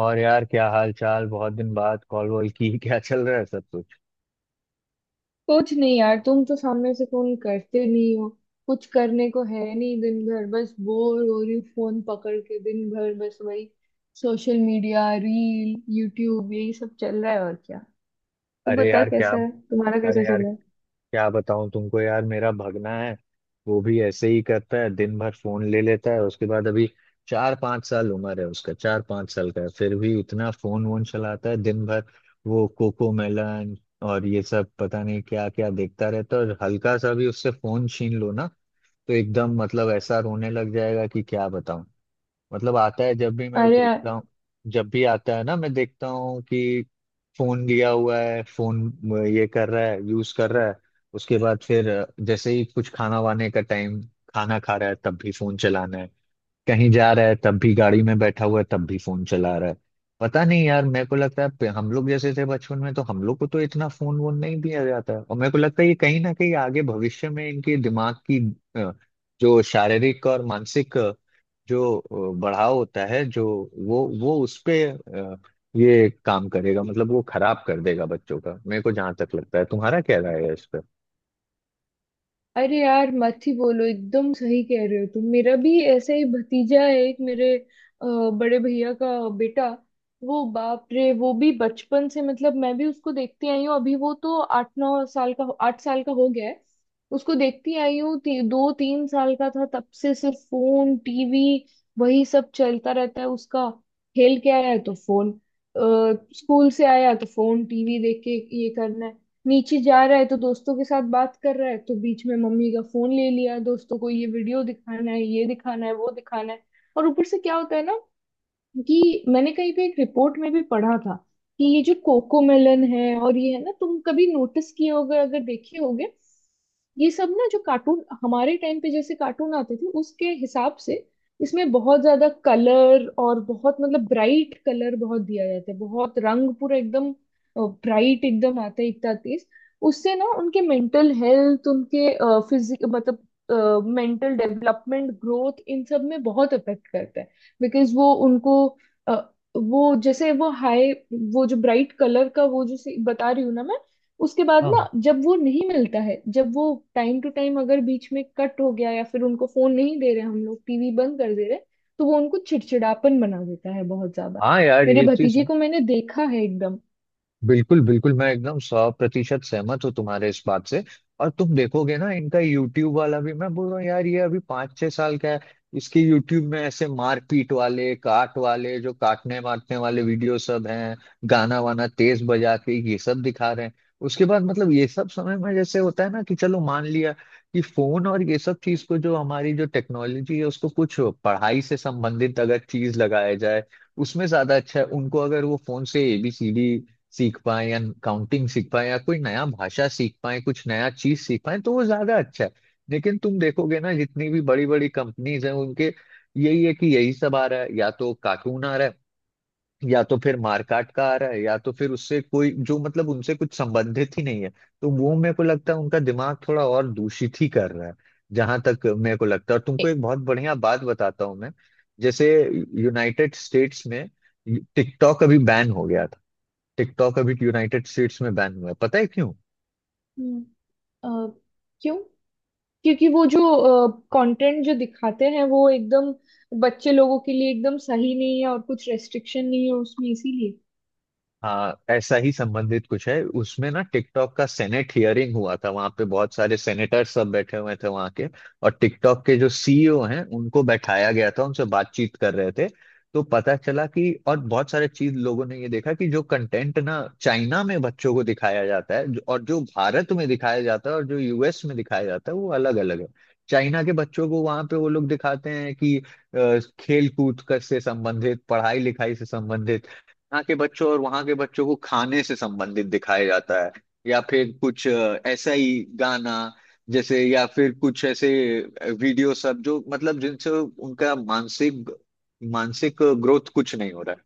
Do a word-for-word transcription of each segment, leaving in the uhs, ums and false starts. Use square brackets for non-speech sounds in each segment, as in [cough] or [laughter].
और यार, क्या हाल चाल? बहुत दिन बाद कॉल वॉल की [laughs] क्या चल रहा है सब कुछ? कुछ नहीं यार, तुम तो सामने से फोन करते नहीं हो। कुछ करने को है नहीं, दिन भर बस बोर हो रही हूँ, फोन पकड़ के दिन भर बस वही सोशल मीडिया, रील, यूट्यूब, यही सब चल रहा है और क्या। तू अरे बता, यार क्या कैसा है, तुम्हारा अरे कैसा चल यार रहा है। क्या बताऊं तुमको, यार। मेरा भगना है। वो भी ऐसे ही करता है, दिन भर फोन ले लेता है। उसके बाद अभी चार पाँच साल उम्र है उसका, चार पाँच साल का है, फिर भी इतना फोन वोन चलाता है दिन भर। वो कोको मेलन और ये सब पता नहीं क्या क्या देखता रहता है। और हल्का सा भी उससे फोन छीन लो ना तो एकदम, मतलब, ऐसा रोने लग जाएगा कि क्या बताऊं। मतलब, आता है जब भी, मैं अरे, देखता हूँ। जब भी आता है ना, मैं देखता हूँ कि फोन लिया हुआ है। फोन ये कर रहा है, यूज कर रहा है। उसके बाद फिर जैसे ही कुछ खाना वाने का टाइम, खाना खा रहा है तब भी फोन चलाना है। कहीं जा रहा है तब भी, गाड़ी में बैठा हुआ है तब भी फोन चला रहा है। पता नहीं यार, मेरे को लगता है पे- हम लोग जैसे थे बचपन में, तो हम लोग को तो इतना फोन वोन नहीं दिया जाता है। और मेरे को लगता है ये कहीं ना कहीं आगे भविष्य में इनके दिमाग की अ, जो शारीरिक और मानसिक अ, जो अ, बढ़ाव होता है, जो वो वो उस पे अ, ये काम करेगा, मतलब वो खराब कर देगा बच्चों का, मेरे को जहाँ तक लगता है। तुम्हारा क्या राय है इस पे? अरे यार मत ही बोलो, एकदम सही कह रहे हो तुम। मेरा भी ऐसा ही भतीजा है, एक मेरे अ, बड़े भैया का बेटा। वो बाप रे, वो भी बचपन से, मतलब मैं भी उसको देखती आई हूँ। अभी वो तो आठ नौ साल का, आठ साल का हो गया है। उसको देखती आई हूँ ती, दो तीन साल का था तब से, सिर्फ फोन, टीवी, वही सब चलता रहता है उसका। खेल के आया तो फोन, अ, स्कूल से आया तो फोन, टीवी देख के ये करना है। नीचे जा रहा है तो दोस्तों के साथ बात कर रहा है, तो बीच में मम्मी का फोन ले लिया, दोस्तों को ये वीडियो दिखाना है, ये दिखाना है, वो दिखाना है। और ऊपर से क्या होता है ना, क्योंकि मैंने कहीं पे एक रिपोर्ट में भी पढ़ा था कि ये जो कोकोमेलन है और ये है ना, तुम कभी नोटिस किए होगे अगर देखे होगे, ये सब ना, जो कार्टून हमारे टाइम पे जैसे कार्टून आते थे उसके हिसाब से, इसमें बहुत ज्यादा कलर, और बहुत मतलब ब्राइट कलर बहुत दिया जाता है, बहुत रंग पूरा एकदम ब्राइट एकदम आता है, इतना तेज। उससे ना उनके मेंटल हेल्थ, उनके फिजिक, मतलब मेंटल डेवलपमेंट, ग्रोथ, इन सब में बहुत इफेक्ट करता है। बिकॉज वो उनको, अ, वो जैसे वो हाई, वो जो ब्राइट कलर का, वो जो से- बता रही हूँ ना मैं। उसके बाद हाँ, ना जब वो नहीं मिलता है, जब वो टाइम टू टाइम अगर बीच में कट हो गया, या फिर उनको फोन नहीं दे रहे हम लोग, टीवी बंद कर दे रहे, तो वो उनको चिड़चिड़ापन बना देता है बहुत ज्यादा। हाँ यार, मेरे ये चीज भतीजे को मैंने देखा है एकदम। बिल्कुल, बिल्कुल, मैं एकदम सौ प्रतिशत सहमत हूँ तुम्हारे इस बात से। और तुम देखोगे ना, इनका यूट्यूब वाला भी, मैं बोल रहा हूँ यार, ये अभी पाँच छह साल का है। इसके यूट्यूब में ऐसे मारपीट वाले, काट वाले, जो काटने मारने वाले वीडियो सब हैं। गाना वाना तेज बजा के ये सब दिखा रहे हैं। उसके बाद मतलब ये सब समय में जैसे होता है ना कि चलो, मान लिया कि फोन और ये सब चीज को, जो हमारी जो टेक्नोलॉजी है, उसको कुछ पढ़ाई से संबंधित अगर चीज लगाया जाए, उसमें ज्यादा अच्छा है। उनको अगर वो फोन से ए बी सी डी सीख पाए, या काउंटिंग सीख पाए, या कोई नया भाषा सीख पाए, कुछ नया चीज सीख पाए, तो वो ज्यादा अच्छा है। लेकिन तुम देखोगे ना, जितनी भी बड़ी बड़ी कंपनीज हैं, उनके यही है कि यही सब आ रहा है, या तो कार्टून आ रहा है, या तो फिर मारकाट का आ रहा है, या तो फिर उससे कोई जो, मतलब, उनसे कुछ संबंधित ही नहीं है। तो वो मेरे को लगता है उनका दिमाग थोड़ा और दूषित ही कर रहा है, जहां तक मेरे को लगता है। और तुमको ए- एक बहुत बढ़िया बात बताता हूँ मैं। जैसे, यूनाइटेड स्टेट्स में टिकटॉक अभी बैन हो गया। टिकटॉक अभी यूनाइटेड स्टेट्स में बैन हुआ है, पता है क्यों? हम्म। अ, क्यों। क्योंकि वो जो कंटेंट जो दिखाते हैं वो एकदम बच्चे लोगों के लिए एकदम सही नहीं है, और कुछ रेस्ट्रिक्शन नहीं है उसमें, इसीलिए। हाँ, ऐसा ही संबंधित कुछ है उसमें ना। टिकटॉक का सेनेट हियरिंग हुआ था, वहां पे बहुत सारे सेनेटर सब बैठे हुए थे वहां के। और टिकटॉक के जो सी ई ओ हैं उनको बैठाया गया था, उनसे बातचीत कर रहे थे। तो पता चला कि, और बहुत सारे चीज लोगों ने ये देखा कि, जो कंटेंट ना चाइना में बच्चों को दिखाया जाता है जो- और जो भारत में दिखाया जाता है और जो यू एस में दिखाया जाता है, वो अलग अलग है। चाइना के बच्चों को वहां पे वो लोग दिखाते हैं कि अ, खेल कूद कर से संबंधित, पढ़ाई लिखाई से संबंधित। यहाँ के बच्चों और वहाँ के बच्चों को खाने से संबंधित दिखाया जाता है, या फिर कुछ अ, ऐसा ही गाना जैसे, या फिर कुछ ऐसे वीडियो सब, जो मतलब जिनसे उनका मानसिक मानसिक ग्रोथ कुछ नहीं हो रहा है।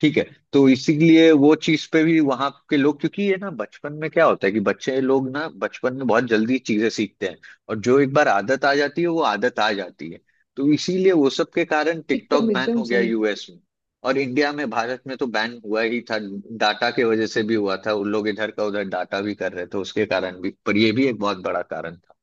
ठीक है? तो इसीलिए वो चीज पे भी वहां के लोग, क्योंकि ये ना बचपन में क्या होता है कि बच्चे लोग ना बचपन में बहुत जल्दी चीजें सीखते हैं, और जो एक बार आदत आ जाती है वो आदत आ जाती है। तो इसीलिए वो सब के कारण टिकटॉक एकदम, बैन एकदम हो गया सही। यू एस में। और इंडिया में, भारत में तो बैन हुआ ही था, डाटा के वजह से भी हुआ था, उन लोग इधर का उधर डाटा भी कर रहे थे उसके कारण भी, पर ये भी एक बहुत बड़ा कारण था।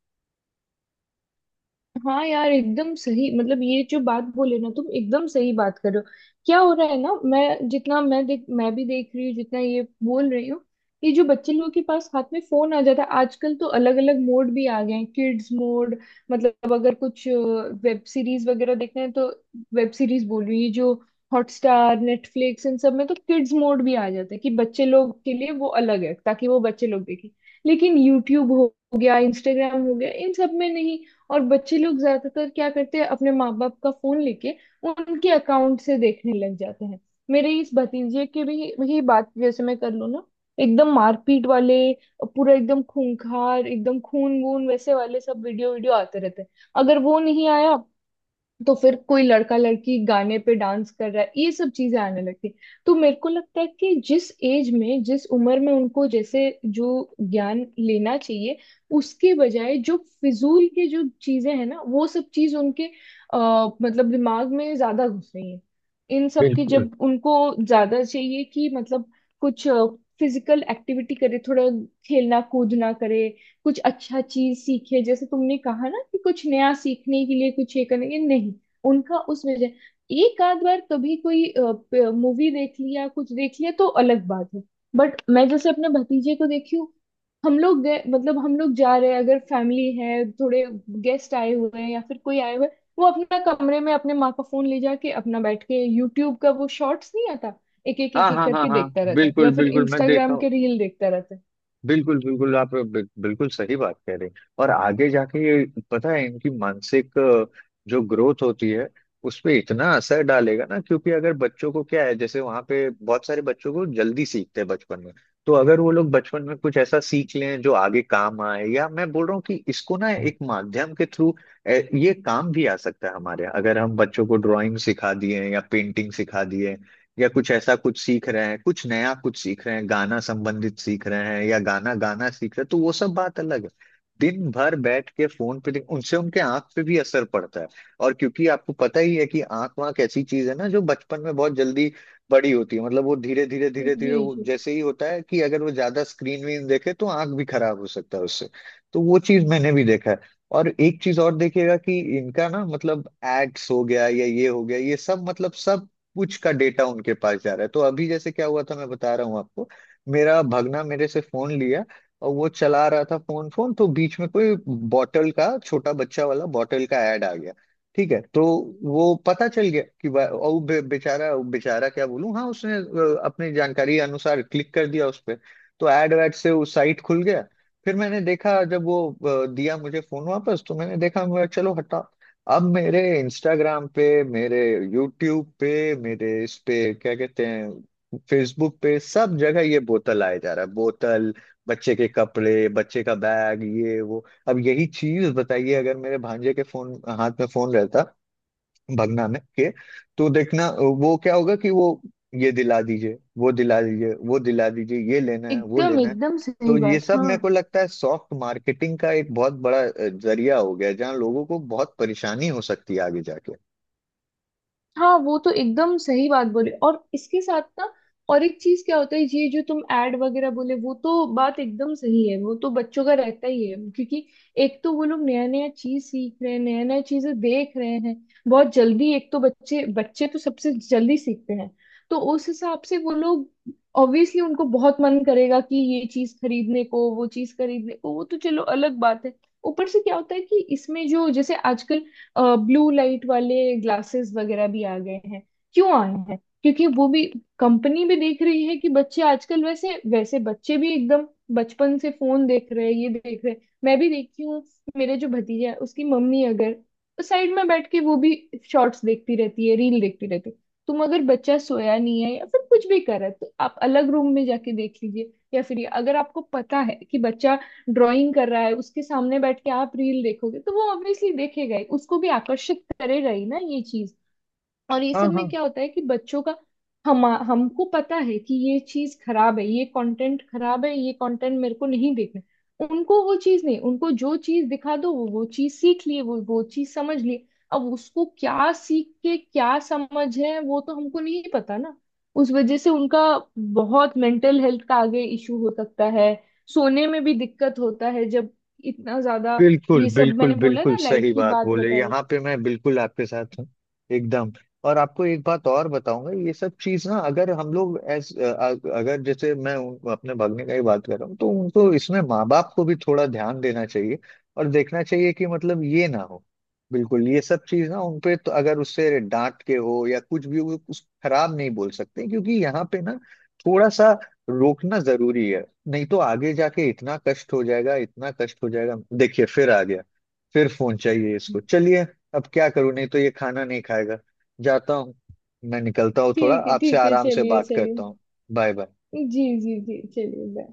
हाँ यार एकदम सही, मतलब ये जो बात बोले ना तुम, एकदम सही बात कर रहे हो। क्या हो रहा है ना, मैं जितना मैं देख मैं भी देख रही हूँ जितना, ये बोल रही हूँ। ये जो बच्चे लोगों के पास हाथ में फोन आ जाता है, आजकल तो अलग अलग मोड भी आ गए हैं, किड्स मोड। मतलब अगर कुछ वेब सीरीज वगैरह देखना है तो, वेब सीरीज बोल रही हूँ, ये जो हॉटस्टार, नेटफ्लिक्स, इन सब में तो किड्स मोड भी आ जाता है कि बच्चे लोग के लिए वो अलग है, ताकि वो बच्चे लोग देखें। लेकिन यूट्यूब हो गया, इंस्टाग्राम हो गया, इन सब में नहीं। और बच्चे लोग ज्यादातर क्या करते हैं, अपने माँ बाप का फोन लेके उनके अकाउंट से देखने लग जाते हैं। मेरे इस भतीजे की भी ही बात जैसे मैं कर लूँ ना, एकदम मारपीट वाले, पूरा एकदम खूंखार, एकदम खून वून वैसे वाले सब वीडियो, वीडियो आते रहते हैं। अगर वो नहीं आया तो फिर कोई लड़का लड़की गाने पे डांस कर रहा है, ये सब चीजें आने लगती। तो मेरे को लगता है कि जिस एज में, जिस उम्र में उनको जैसे जो ज्ञान लेना चाहिए, उसके बजाय जो फिजूल के जो चीजें हैं ना, वो सब चीज उनके आ, मतलब दिमाग में ज्यादा घुस रही है। इन सब की बिल्कुल। जब उनको ज्यादा चाहिए कि मतलब, कुछ फिजिकल एक्टिविटी करे, थोड़ा खेलना कूदना करे, कुछ अच्छा चीज सीखे, जैसे तुमने कहा ना कि कुछ नया सीखने के लिए, कुछ ये करने के लिए, नहीं उनका उस वजह। एक आध बार कभी कोई मूवी देख लिया, कुछ देख लिया तो अलग बात है। बट मैं जैसे अपने भतीजे को देखी हूँ, हम लोग गए, मतलब हम लोग जा रहे हैं अगर, फैमिली है थोड़े गेस्ट आए हुए हैं या फिर कोई आए हुए हैं, वो अपना कमरे में अपने माँ का फोन ले जाके अपना बैठ के, यूट्यूब का वो शॉर्ट्स नहीं आता, एक एक हाँ, एक एक हाँ, हाँ, करके हाँ, देखता रहता है, या बिल्कुल, फिर बिल्कुल, मैं देखा। इंस्टाग्राम के रील देखता रहता है। बिल्कुल, बिल्कुल, आप बिल- बिल्कुल सही बात कह रहे हैं। और आगे जाके ये, पता है, इनकी मानसिक अ, जो ग्रोथ होती है, उस पे इतना असर डालेगा ना। क्योंकि अगर बच्चों को क्या है, जैसे वहां पे बहुत सारे बच्चों को जल्दी सीखते हैं बचपन में, तो अगर वो लोग बचपन में कुछ ऐसा सीख लें जो आगे काम आए, या मैं बोल रहा हूँ कि इसको ना एक माध्यम के थ्रू ये काम भी आ सकता है हमारे यहाँ। अगर हम बच्चों को ड्राइंग सिखा दिए या पेंटिंग सिखा दिए, या कुछ ऐसा कुछ सीख रहे हैं, कुछ नया कुछ सीख रहे हैं, गाना संबंधित सीख रहे हैं या गाना गाना सीख रहे हैं, तो वो सब बात अलग है। दिन भर बैठ के फोन पे देख- उनसे, उनके आंख पे भी असर पड़ता है। और क्योंकि आपको पता ही है कि आंख वाँख ऐसी चीज है ना जो बचपन में बहुत जल्दी बड़ी होती है, मतलब वो धीरे धीरे धीरे धीरे, जी वो जी। जैसे ही होता है कि अगर वो ज्यादा स्क्रीन वीन देखे तो आंख भी खराब हो सकता है उससे। तो वो चीज मैंने भी देखा है। और एक चीज और देखिएगा कि इनका ना, मतलब, एड्स हो गया या ये हो गया, ये सब मतलब सब कुछ का डेटा उनके पास जा रहा है। तो अभी जैसे क्या हुआ था मैं बता रहा हूँ आपको। मेरा भगना मेरे से फोन लिया और वो चला रहा था फोन। फोन तो बीच में कोई बॉटल का, छोटा बच्चा वाला बॉटल का, ऐड आ गया। ठीक है? तो वो पता चल गया कि वा- और वो बे, बेचारा, बेचारा क्या बोलूं, हाँ, उसने अ, अपनी जानकारी अनुसार क्लिक कर दिया उस पर। तो ऐड वैड से वो साइट खुल गया। फिर मैंने देखा जब वो अ, दिया मुझे फोन वापस, तो मैंने देखा, मैं, चलो हटा। अब मेरे इंस्टाग्राम पे, मेरे यूट्यूब पे, मेरे इस पे क्या कहते हैं, फेसबुक पे, सब जगह ये बोतल आया जा रहा है, बोतल, बच्चे के कपड़े, बच्चे का बैग, ये वो। अब यही चीज बताइए, अगर मेरे भांजे के फोन हाथ में फोन रहता, भगना में के, तो देखना वो क्या होगा कि वो, ये दिला दीजिए, वो दिला दीजिए, वो दिला दीजिए, ये लेना है, वो एकदम लेना है। एकदम तो सही ये बात, सब हाँ। मेरे को लगता है सॉफ्ट मार्केटिंग का एक बहुत बड़ा अ, जरिया हो गया है, जहाँ लोगों को बहुत परेशानी हो सकती है आगे जाके। हाँ वो तो एकदम सही बात बोले, और इसके साथ ना, और एक चीज क्या होता है, ये जो तुम एड वगैरह बोले वो तो बात एकदम सही है, वो तो बच्चों का रहता ही है, क्योंकि एक तो वो लोग नया नया चीज सीख रहे हैं, नया नया चीजें देख रहे हैं बहुत जल्दी, एक तो बच्चे, बच्चे तो सबसे जल्दी सीखते हैं। तो उस हिसाब से वो लोग ऑब्वियसली, उनको बहुत मन करेगा कि ये चीज खरीदने को, वो चीज खरीदने को, वो तो चलो अलग बात है। ऊपर से क्या होता है कि इसमें जो जैसे आजकल ब्लू लाइट वाले ग्लासेस वगैरह भी आ गए हैं। क्यों आए हैं, क्योंकि वो भी, कंपनी भी देख रही है कि बच्चे आजकल वैसे वैसे, बच्चे भी एकदम बचपन से फोन देख रहे हैं, ये देख रहे हैं। मैं भी देखती हूँ, मेरे जो भतीजा है उसकी मम्मी अगर साइड में बैठ के वो भी शॉर्ट्स देखती रहती है, रील देखती रहती है। तुम अगर बच्चा सोया नहीं है या फिर कुछ भी कर रहा है, तो आप अलग रूम में जाके देख लीजिए, या फिर ये अगर आपको पता है कि बच्चा ड्राइंग कर रहा है, उसके सामने बैठ के आप रील देखोगे, तो वो ऑब्वियसली देखेगा ही, उसको भी आकर्षित करेगा ही ना ये चीज। और ये सब में क्या होता है कि बच्चों का, हम, हमको पता है कि ये चीज खराब है, ये कंटेंट खराब है, ये कंटेंट मेरे को नहीं देखना, उनको वो चीज नहीं, उनको जो चीज दिखा दो वो वो चीज सीख लिए, वो वो चीज समझ लिए। अब उसको क्या सीख के क्या समझ है वो तो हमको नहीं पता ना। उस वजह से उनका बहुत मेंटल हेल्थ का आगे इशू हो सकता है, सोने में भी दिक्कत होता है जब इतना ज्यादा। बिल्कुल, ये सब बिल्कुल, मैंने बोला बिल्कुल ना लाइट सही की बात बात बोले, बताई। यहाँ पे मैं बिल्कुल आपके साथ हूँ, एकदम। और आपको एक बात और बताऊंगा, ये सब चीज ना, अगर हम लोग एस अगर, जैसे मैं उन- अपने भागने का ही बात कर रहा हूँ, तो उनको इसमें, माँ बाप को भी थोड़ा ध्यान देना चाहिए और देखना चाहिए कि, मतलब, ये ना हो। बिल्कुल ये सब चीज ना उनपे, तो अगर उससे डांट के हो या कुछ भी हो, कुछ खराब नहीं बोल सकते, क्योंकि यहाँ पे ना थोड़ा सा रोकना जरूरी है। नहीं तो आगे जाके इतना कष्ट हो जाएगा, इतना कष्ट हो जाएगा। देखिए, फिर आ गया, फिर फोन चाहिए इसको। चलिए, अब क्या करूं, नहीं तो ये खाना नहीं खाएगा। जाता हूँ, मैं निकलता हूँ, थोड़ा ठीक है, आपसे ठीक है, आराम से चलिए, बात करता चलिए। हूँ। Bye bye. जी, जी, जी। चलिए, बाय।